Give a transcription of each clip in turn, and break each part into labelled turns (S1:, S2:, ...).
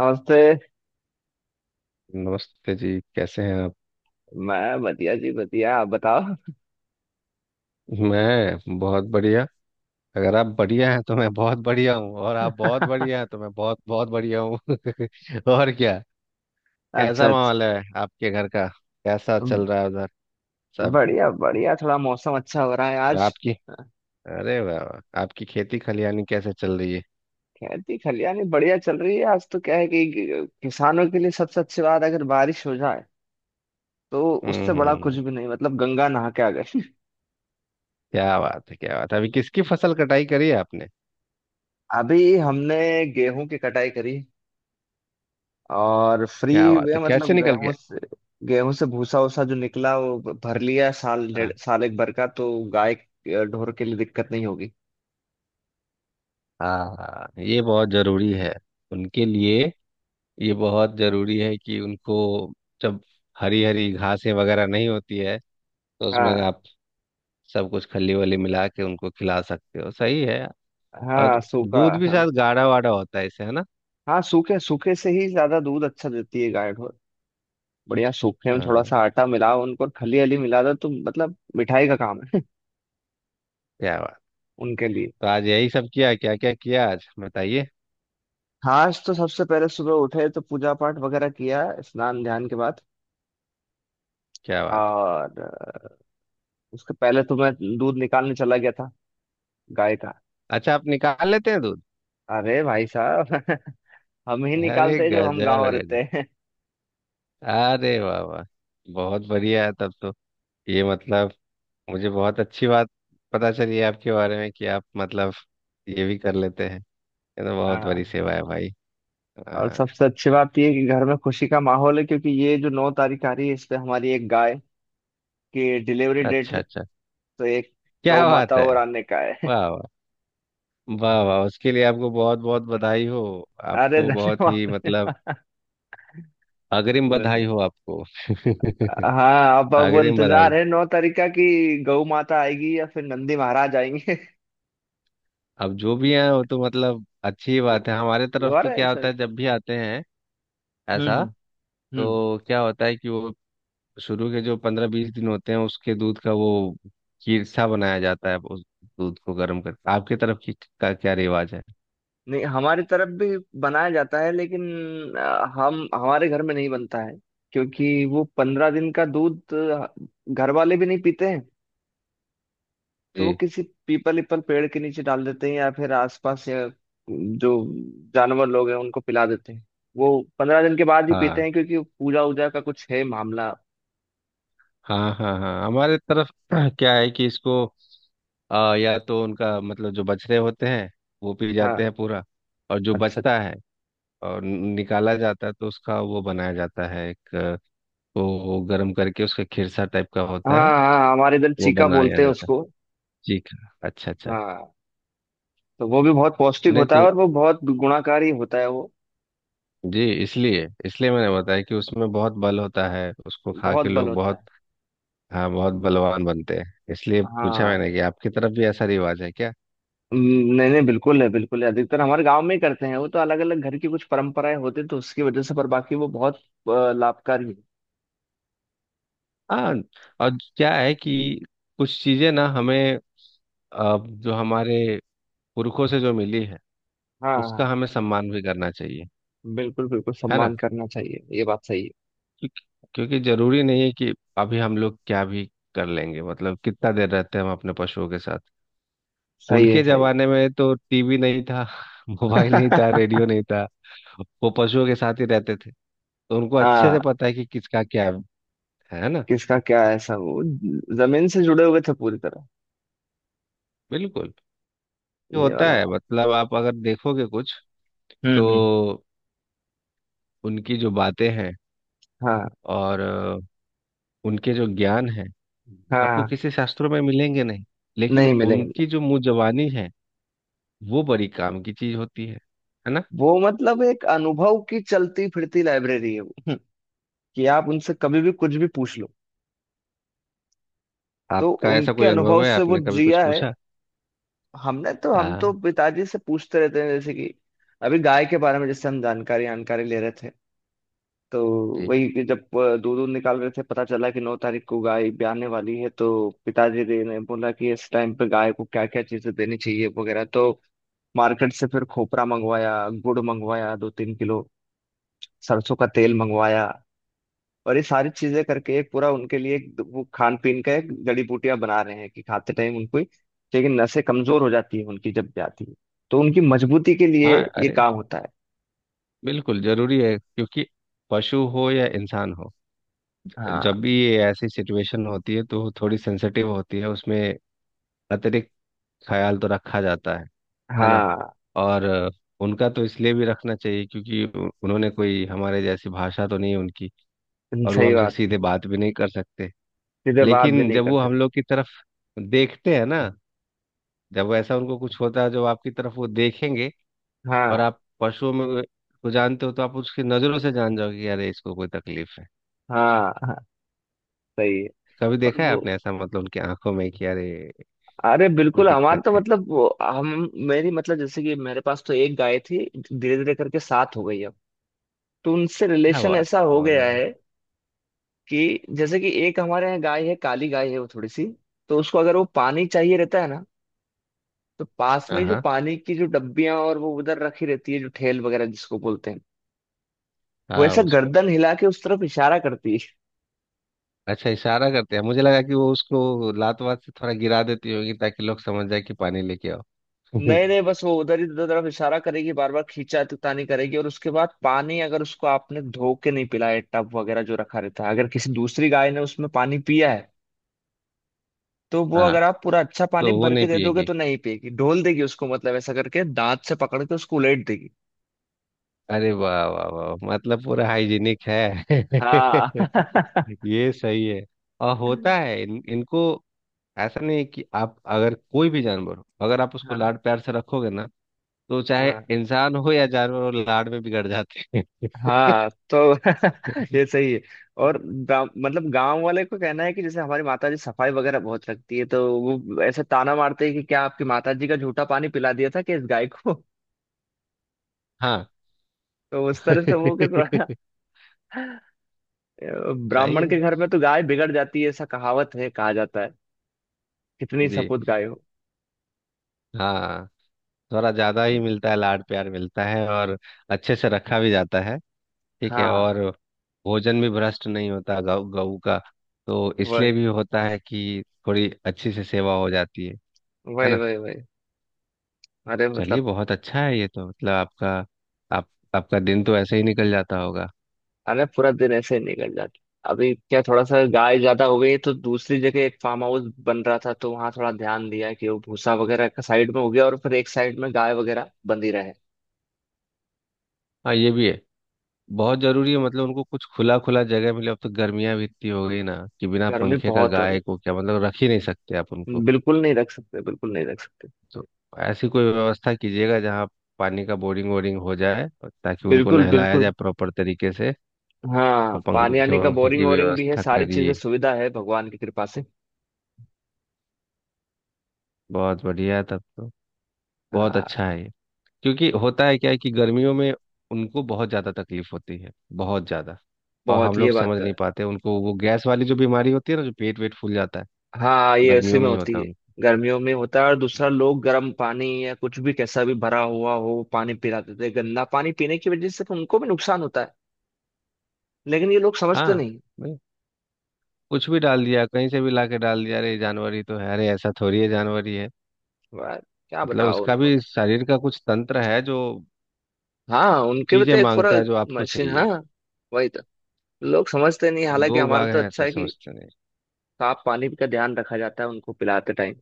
S1: नमस्ते।
S2: नमस्ते जी। कैसे हैं आप?
S1: मैं बढ़िया जी बढ़िया, आप बताओ।
S2: मैं बहुत बढ़िया। अगर आप बढ़िया हैं तो मैं बहुत बढ़िया हूँ, और आप बहुत बढ़िया हैं तो मैं बहुत बहुत बढ़िया हूँ। और क्या।
S1: अच्छा
S2: कैसा
S1: अच्छा।
S2: माहौल है आपके घर का? कैसा चल रहा है उधर, सब?
S1: बढ़िया बढ़िया, थोड़ा मौसम अच्छा हो रहा है
S2: और
S1: आज।
S2: आपकी, अरे वाह वाह, आपकी खेती खलियानी कैसे चल रही है?
S1: खेती खलियानी बढ़िया चल रही है। आज तो क्या है किसानों के लिए सबसे अच्छी बात अगर बारिश हो जाए तो उससे बड़ा कुछ
S2: हम्म।
S1: भी नहीं, मतलब गंगा नहा के आ गए।
S2: क्या बात है, क्या बात है। अभी किसकी फसल कटाई करी है आपने?
S1: अभी हमने गेहूं की कटाई करी और फ्री
S2: क्या बात
S1: हुए,
S2: है,
S1: मतलब
S2: कैसे निकल
S1: गेहूं
S2: गया?
S1: से। गेहूं से भूसा वूसा जो निकला वो भर लिया, साल डेढ़
S2: हाँ।
S1: साल एक भर का, तो गाय ढोर के लिए दिक्कत नहीं होगी।
S2: हाँ हाँ, ये बहुत जरूरी है उनके लिए। ये बहुत जरूरी है कि उनको, जब हरी हरी घासें वगैरह नहीं होती है, तो उसमें
S1: हाँ।
S2: आप सब कुछ खली वली मिला के उनको खिला सकते हो। सही है।
S1: हाँ
S2: और
S1: सूखा।
S2: दूध भी शायद गाढ़ा वाढ़ा होता है इससे, है ना?
S1: हाँ सूखे सूखे से ही ज्यादा दूध अच्छा देती है गाय ढोर। बढ़िया सूखे में थोड़ा
S2: हाँ।
S1: सा आटा मिलाओ उनको और खली हली मिला दो तो मतलब मिठाई का काम है
S2: क्या बात।
S1: उनके लिए।
S2: तो आज यही सब किया, क्या क्या किया आज बताइए।
S1: खास तो सबसे पहले सुबह उठे तो पूजा पाठ वगैरह किया स्नान ध्यान के बाद।
S2: क्या बात है।
S1: और उसके पहले तो मैं दूध निकालने चला गया था, गाय का।
S2: अच्छा, आप निकाल लेते हैं दूध?
S1: अरे भाई साहब हम ही
S2: अरे
S1: निकालते हैं जब
S2: गजब
S1: हम गांव
S2: है, गजब।
S1: रहते हैं।
S2: अरे वाह वाह। बहुत बढ़िया है तब तो। ये मतलब मुझे बहुत अच्छी बात पता चली है आपके बारे में, कि आप मतलब ये भी कर लेते हैं। ये तो बहुत बड़ी
S1: हाँ।
S2: सेवा है, भाई।
S1: और
S2: हाँ।
S1: सबसे अच्छी बात यह है कि घर में खुशी का माहौल है क्योंकि ये जो नौ तारीख आ रही है इस पे हमारी एक गाय की डिलीवरी डेट
S2: अच्छा
S1: है।
S2: अच्छा।
S1: तो एक गौ
S2: क्या बात
S1: माता
S2: है।
S1: और आने का है।
S2: वाह वाह। वाह वाह, उसके लिए आपको बहुत बहुत बधाई हो।
S1: अरे
S2: आपको बहुत ही
S1: धन्यवाद।
S2: मतलब अग्रिम बधाई
S1: धन्यवाद।
S2: हो आपको।
S1: हाँ, अब
S2: अग्रिम बधाई।
S1: इंतजार है नौ तारीख का कि गौ माता आएगी या फिर नंदी महाराज आएंगे।
S2: अब जो भी है वो तो मतलब अच्छी बात है। हमारे
S1: वो
S2: तरफ
S1: आ
S2: तो
S1: रहा है
S2: क्या होता
S1: सर।
S2: है, जब भी आते हैं। ऐसा।
S1: हम्म। हम्म।
S2: तो क्या होता है कि वो शुरू के जो 15-20 दिन होते हैं उसके दूध का वो खीरसा बनाया जाता है। उस दूध को गर्म करके। आपके तरफ की का क्या रिवाज है?
S1: नहीं हमारी तरफ भी बनाया जाता है लेकिन हम हमारे घर में नहीं बनता है क्योंकि वो पंद्रह दिन का दूध घर वाले भी नहीं पीते हैं। तो वो
S2: जी।
S1: किसी पीपल पीपल पेड़ के नीचे डाल देते हैं या फिर आसपास, या जो जानवर लोग हैं उनको पिला देते हैं। वो पंद्रह दिन के बाद ही पीते
S2: हाँ
S1: हैं क्योंकि पूजा वूजा का कुछ है मामला।
S2: हाँ हाँ हाँ, हमारे तरफ क्या है कि इसको या तो उनका मतलब जो बछड़े होते हैं वो पी जाते
S1: हाँ।
S2: हैं पूरा। और जो
S1: अच्छा।
S2: बचता है और निकाला जाता है, तो उसका वो बनाया जाता है एक, वो गर्म करके उसका खिरसा टाइप का होता
S1: हाँ
S2: है।
S1: हाँ हमारे इधर
S2: वो
S1: चीका
S2: बनाया
S1: बोलते हैं
S2: जाता है।
S1: उसको।
S2: ठीक है। अच्छा अच्छा।
S1: हाँ तो वो भी बहुत पौष्टिक
S2: नहीं
S1: होता है
S2: तो
S1: और वो बहुत गुणाकारी होता है वो।
S2: जी, इसलिए इसलिए मैंने बताया कि उसमें बहुत बल होता है, उसको खा
S1: बहुत
S2: के
S1: बल
S2: लोग
S1: होता
S2: बहुत।
S1: है।
S2: हाँ, बहुत बलवान बनते हैं। इसलिए पूछा
S1: हाँ।
S2: मैंने कि आपकी तरफ भी ऐसा रिवाज है क्या।
S1: नहीं नहीं बिल्कुल है बिल्कुल है। अधिकतर हमारे गांव में ही करते हैं वो, तो अलग अलग घर की कुछ परंपराएं होती हैं तो उसकी वजह से। पर बाकी वो बहुत लाभकारी है।
S2: हाँ। और क्या है कि कुछ चीजें ना हमें, अ, जो हमारे पुरखों से जो मिली है,
S1: हाँ
S2: उसका
S1: हाँ।
S2: हमें सम्मान भी करना चाहिए।
S1: बिल्कुल बिल्कुल
S2: है ना?
S1: सम्मान करना चाहिए, ये बात सही है।
S2: क्योंकि क्योंकि जरूरी नहीं है कि अभी हम लोग क्या भी कर लेंगे। मतलब कितना देर रहते हैं हम अपने पशुओं के साथ।
S1: सही है।
S2: उनके
S1: सही
S2: जमाने में तो टीवी नहीं था, मोबाइल नहीं था,
S1: है।
S2: रेडियो नहीं था। वो पशुओं के साथ ही रहते थे, तो उनको अच्छे
S1: हाँ।
S2: से पता है कि किसका क्या है। है ना?
S1: किसका क्या है, सब वो जमीन से जुड़े हुए थे पूरी तरह।
S2: बिल्कुल। ये
S1: ये
S2: होता
S1: वाला
S2: है।
S1: बात।
S2: मतलब आप अगर देखोगे कुछ,
S1: हम्म।
S2: तो उनकी जो बातें हैं
S1: हाँ।
S2: और उनके जो ज्ञान है, आपको
S1: हाँ
S2: किसी शास्त्रों में मिलेंगे नहीं, लेकिन
S1: नहीं मिलेंगे नहीं।
S2: उनकी जो मुंजबानी है, वो बड़ी काम की चीज होती है। है ना?
S1: वो मतलब एक अनुभव की चलती फिरती लाइब्रेरी है वो कि आप उनसे कभी भी कुछ भी पूछ लो तो
S2: आपका ऐसा
S1: उनके
S2: कोई
S1: अनुभव
S2: अनुभव है,
S1: से वो
S2: आपने कभी कुछ
S1: जिया है।
S2: पूछा?
S1: हमने तो हम तो
S2: हाँ।
S1: पिताजी से पूछते रहते हैं, जैसे कि अभी गाय के बारे में जैसे हम जानकारी जानकारी ले रहे थे तो
S2: जी।
S1: वही, कि जब दूध दूध निकाल रहे थे पता चला कि नौ तारीख को गाय ब्याने वाली है तो पिताजी ने बोला कि इस टाइम पे गाय को क्या क्या चीजें देनी चाहिए वगैरह, तो मार्केट से फिर खोपरा मंगवाया, गुड़ मंगवाया दो तीन किलो, सरसों का तेल मंगवाया, और ये सारी चीजें करके एक पूरा उनके लिए एक वो खान पीन का एक जड़ी बूटियां बना रहे हैं कि खाते टाइम उनको लेकिन नसें कमजोर हो जाती है उनकी जब जाती है तो उनकी मजबूती के लिए
S2: हाँ।
S1: ये
S2: अरे
S1: काम होता है।
S2: बिल्कुल जरूरी है, क्योंकि पशु हो या इंसान हो,
S1: हाँ
S2: जब भी ये ऐसी सिचुएशन होती है, तो थोड़ी सेंसिटिव होती है उसमें। अतिरिक्त ख्याल तो रखा जाता है। है ना?
S1: हाँ
S2: और उनका तो इसलिए भी रखना चाहिए क्योंकि उन्होंने कोई हमारे जैसी भाषा तो नहीं है उनकी, और वो
S1: सही
S2: हमसे
S1: बात है।
S2: सीधे बात भी नहीं कर सकते।
S1: सीधे बात भी
S2: लेकिन
S1: नहीं
S2: जब
S1: कर
S2: वो हम
S1: सकते।
S2: लोग की तरफ देखते हैं ना, जब ऐसा उनको कुछ होता है, जब आपकी तरफ वो देखेंगे, और
S1: हाँ
S2: आप पशुओं में को जानते हो, तो आप उसकी नजरों से जान जाओगे कि अरे, इसको कोई तकलीफ है।
S1: हाँ हाँ सही है।
S2: कभी
S1: और
S2: देखा है
S1: वो
S2: आपने ऐसा, मतलब उनकी आंखों में कि अरे,
S1: अरे
S2: कोई
S1: बिल्कुल। हमारा
S2: दिक्कत
S1: तो
S2: है?
S1: मतलब वो, हम मेरी मतलब जैसे कि मेरे पास तो एक गाय थी, धीरे धीरे करके सात हो गई अब। तो उनसे
S2: क्या
S1: रिलेशन
S2: बात है,
S1: ऐसा हो
S2: बहुत
S1: गया
S2: बढ़िया।
S1: है कि जैसे कि एक हमारे यहाँ गाय है, काली गाय है, वो थोड़ी सी, तो उसको अगर वो पानी चाहिए रहता है ना तो पास
S2: हाँ
S1: में जो
S2: हाँ।
S1: पानी की जो डब्बियां और वो उधर रखी रहती है जो ठेल वगैरह जिसको बोलते हैं, वो
S2: हाँ,
S1: ऐसा
S2: उसको।
S1: गर्दन हिला के उस तरफ इशारा करती है।
S2: अच्छा, इशारा करते हैं। मुझे लगा कि वो उसको लात वात से थोड़ा गिरा देती होगी, ताकि लोग समझ जाए कि पानी लेके आओ।
S1: नहीं नहीं बस वो उधर ही उधर तरफ इशारा करेगी, बार बार खींचा तानी करेगी। और उसके बाद पानी अगर उसको आपने धो के नहीं पिलाया, टब वगैरह जो रखा रहता है, अगर किसी दूसरी गाय ने उसमें पानी पिया है तो वो,
S2: हाँ,
S1: अगर आप पूरा अच्छा पानी
S2: तो वो
S1: भर के
S2: नहीं
S1: दे दोगे
S2: पिएगी।
S1: तो नहीं पिएगी, ढोल देगी उसको, मतलब ऐसा करके दांत से पकड़ के उसको उलेट देगी।
S2: अरे वाह वाह वाह, मतलब पूरा हाइजीनिक है।
S1: हाँ
S2: ये सही है। और होता है इनको। ऐसा नहीं है कि आप, अगर कोई भी जानवर हो, अगर आप उसको
S1: हाँ
S2: लाड प्यार से रखोगे ना, तो चाहे
S1: हाँ
S2: इंसान हो या जानवर हो, लाड में बिगड़ जाते हैं।
S1: हाँ तो ये सही है। और गाँव मतलब गांव वाले को कहना है कि जैसे हमारी माता जी सफाई वगैरह बहुत रखती है तो वो ऐसे ताना मारते हैं कि क्या आपकी माता जी का झूठा पानी पिला दिया था कि इस गाय को।
S2: हाँ।
S1: तो उस तरह से वो के थोड़ा
S2: सही
S1: ब्राह्मण
S2: है।
S1: के घर में तो गाय बिगड़ जाती है ऐसा कहावत है, कहा जाता है। कितनी
S2: जी।
S1: सपूत गाय हो।
S2: हाँ, थोड़ा ज्यादा ही मिलता है, लाड प्यार मिलता है, और अच्छे से रखा भी जाता है। ठीक है।
S1: हाँ।
S2: और भोजन भी भ्रष्ट नहीं होता गौ गऊ का, तो
S1: वही
S2: इसलिए भी होता है कि थोड़ी अच्छी से सेवा हो जाती है। है
S1: वही
S2: ना?
S1: वही वही। अरे मतलब
S2: चलिए, बहुत अच्छा है ये तो। मतलब आपका, आप आपका दिन तो ऐसे ही निकल जाता होगा।
S1: अरे पूरा दिन ऐसे ही निकल जाता। अभी क्या, थोड़ा सा गाय ज्यादा हो गई है तो दूसरी जगह एक फार्म हाउस बन रहा था तो वहां थोड़ा ध्यान दिया कि वो भूसा वगैरह का साइड में हो गया और फिर एक साइड में गाय वगैरह बंधी रहे।
S2: हाँ, ये भी है। बहुत जरूरी है, मतलब उनको कुछ खुला खुला जगह मिले। अब तो गर्मियां भी इतनी हो गई ना, कि बिना
S1: गर्मी
S2: पंखे का
S1: बहुत हो रही
S2: गाय को, क्या मतलब, रख ही नहीं सकते आप
S1: है।
S2: उनको।
S1: बिल्कुल नहीं रख सकते बिल्कुल नहीं रख सकते।
S2: तो ऐसी कोई व्यवस्था कीजिएगा जहाँ पानी का बोरिंग वोरिंग हो जाए, और ताकि उनको
S1: बिल्कुल
S2: नहलाया जाए
S1: बिल्कुल।
S2: प्रॉपर तरीके से,
S1: हाँ
S2: और
S1: पानी
S2: पंखे
S1: आने का
S2: वंखे
S1: बोरिंग
S2: की
S1: वोरिंग भी है,
S2: व्यवस्था
S1: सारी चीजें
S2: करिए।
S1: सुविधा है भगवान की कृपा से।
S2: बहुत बढ़िया है तब तो। बहुत
S1: हाँ
S2: अच्छा है ये। क्योंकि होता है क्या है कि गर्मियों में उनको बहुत ज़्यादा तकलीफ होती है, बहुत ज़्यादा। और हम
S1: बहुत
S2: लोग
S1: ये
S2: समझ
S1: बात है।
S2: नहीं पाते। उनको वो गैस वाली जो बीमारी होती है ना, जो पेट वेट फूल जाता है,
S1: हाँ ये ऐसे
S2: गर्मियों
S1: में
S2: में ही
S1: होती
S2: होता
S1: है।
S2: है
S1: गर्मियों में होता है और दूसरा
S2: उनको।
S1: लोग गर्म पानी या कुछ भी कैसा भी भरा हुआ हो वो पानी पिलाते थे, गंदा पानी पीने की वजह से तो उनको भी नुकसान होता है, लेकिन ये लोग समझते
S2: हाँ।
S1: नहीं।
S2: भाई, कुछ भी डाल दिया, कहीं से भी ला के डाल दिया। अरे, ये जानवर ही तो है। अरे, ऐसा थोड़ी है, जानवर ही है।
S1: यार, क्या
S2: मतलब
S1: बताओ
S2: उसका
S1: उनको।
S2: भी शरीर का कुछ तंत्र है, जो
S1: हाँ उनके भी
S2: चीजें
S1: तो एक पूरा
S2: मांगता है, जो आपको
S1: मशीन। हाँ
S2: चाहिए।
S1: वही तो लोग समझते नहीं,
S2: और
S1: हालांकि
S2: लोग
S1: हमारा
S2: बाग
S1: तो
S2: हैं
S1: अच्छा
S2: ऐसा
S1: है कि
S2: समझते नहीं।
S1: साफ पानी का ध्यान रखा जाता है उनको पिलाते टाइम।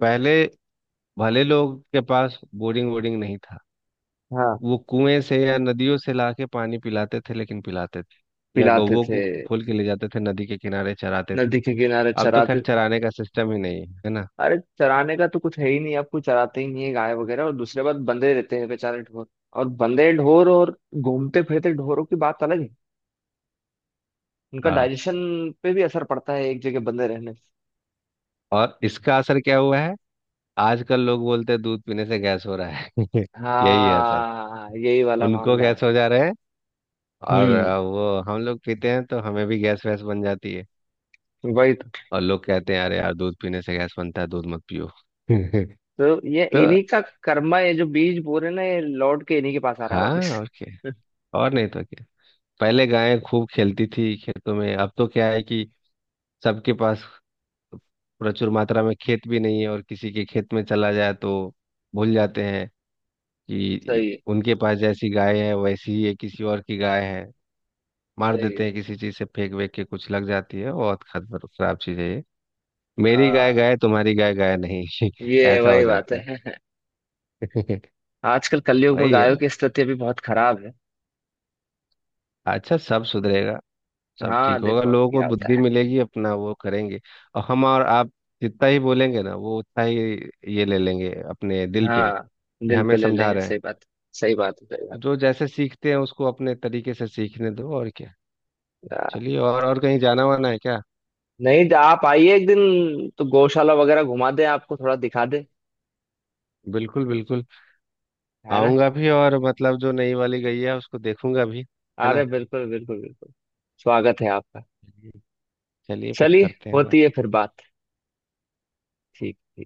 S2: पहले भले लोग के पास बोरिंग वोरिंग नहीं था,
S1: हाँ।
S2: वो कुएं से या नदियों से लाके पानी पिलाते थे, लेकिन पिलाते थे। या
S1: पिलाते
S2: गौवों
S1: थे।
S2: को खोल के ले जाते थे, नदी के किनारे चराते थे।
S1: नदी के किनारे
S2: अब तो खैर
S1: चराते।
S2: चराने का सिस्टम ही नहीं है, है ना?
S1: अरे चराने का तो कुछ है ही नहीं, आपको चराते ही नहीं है गाय वगैरह और दूसरे बात बंधे रहते हैं बेचारे ढोर। और बंधे ढोर और घूमते फिरते ढोरों की बात अलग है। उनका
S2: हाँ।
S1: डाइजेशन पे भी असर पड़ता है एक जगह बंधे रहने से।
S2: और इसका असर क्या हुआ है, आजकल लोग बोलते हैं दूध पीने से गैस हो रहा है। यही है असर।
S1: हाँ यही वाला
S2: उनको
S1: मामला है।
S2: गैस हो जा रहे हैं, और
S1: हम्म।
S2: वो हम लोग पीते हैं तो हमें भी गैस वैस बन जाती है।
S1: वही
S2: और लोग कहते हैं, अरे यार दूध पीने से गैस बनता है, दूध मत पियो। तो।
S1: तो ये इन्हीं का कर्मा, ये जो बीज बोरे ना ये लौट के इन्हीं के पास आ रहा है
S2: हाँ।
S1: वापस।
S2: और क्या। और नहीं तो क्या। पहले गायें खूब खेलती थी खेतों में। अब तो क्या है कि सबके पास प्रचुर मात्रा में खेत भी नहीं है, और किसी के खेत में चला जाए तो भूल जाते हैं कि
S1: सही है।
S2: उनके पास जैसी गाय है, वैसी ही ये किसी और की गाय है। मार
S1: सही है।
S2: देते हैं
S1: सही
S2: किसी चीज से, फेंक वेंक के कुछ लग जाती है। बहुत खतर खराब चीज है ये।
S1: है।
S2: मेरी गाय
S1: हाँ
S2: गाय, तुम्हारी गाय गाय नहीं।
S1: ये
S2: ऐसा हो
S1: वही बात
S2: जाता है।
S1: है। आजकल कलयुग में
S2: वही है।
S1: गायों की स्थिति भी बहुत खराब है।
S2: अच्छा, सब सुधरेगा। सब ठीक
S1: हाँ
S2: होगा,
S1: देखो अब
S2: लोगों को
S1: क्या होता
S2: बुद्धि
S1: है।
S2: मिलेगी, अपना वो करेंगे। और हम और आप जितना ही बोलेंगे ना, वो उतना ही ये ले लेंगे अपने दिल पे
S1: हाँ
S2: कि
S1: दिल
S2: हमें
S1: पे ले
S2: समझा
S1: लेंगे।
S2: रहे हैं।
S1: सही बात, सही बात है। सही बात
S2: जो जैसे सीखते हैं, उसको अपने तरीके से सीखने दो, और क्या।
S1: है।
S2: चलिए, और कहीं जाना वाना है क्या?
S1: नहीं तो आप आइए एक दिन तो गौशाला वगैरह घुमा दें, आपको थोड़ा दिखा दे।
S2: बिल्कुल बिल्कुल।
S1: है ना।
S2: आऊंगा भी, और मतलब जो नई वाली गई है उसको देखूंगा भी। है ना?
S1: अरे बिल्कुल बिल्कुल बिल्कुल। स्वागत है आपका।
S2: चलिए, फिर
S1: चलिए।
S2: करते हैं बात।
S1: होती है फिर बात। ठीक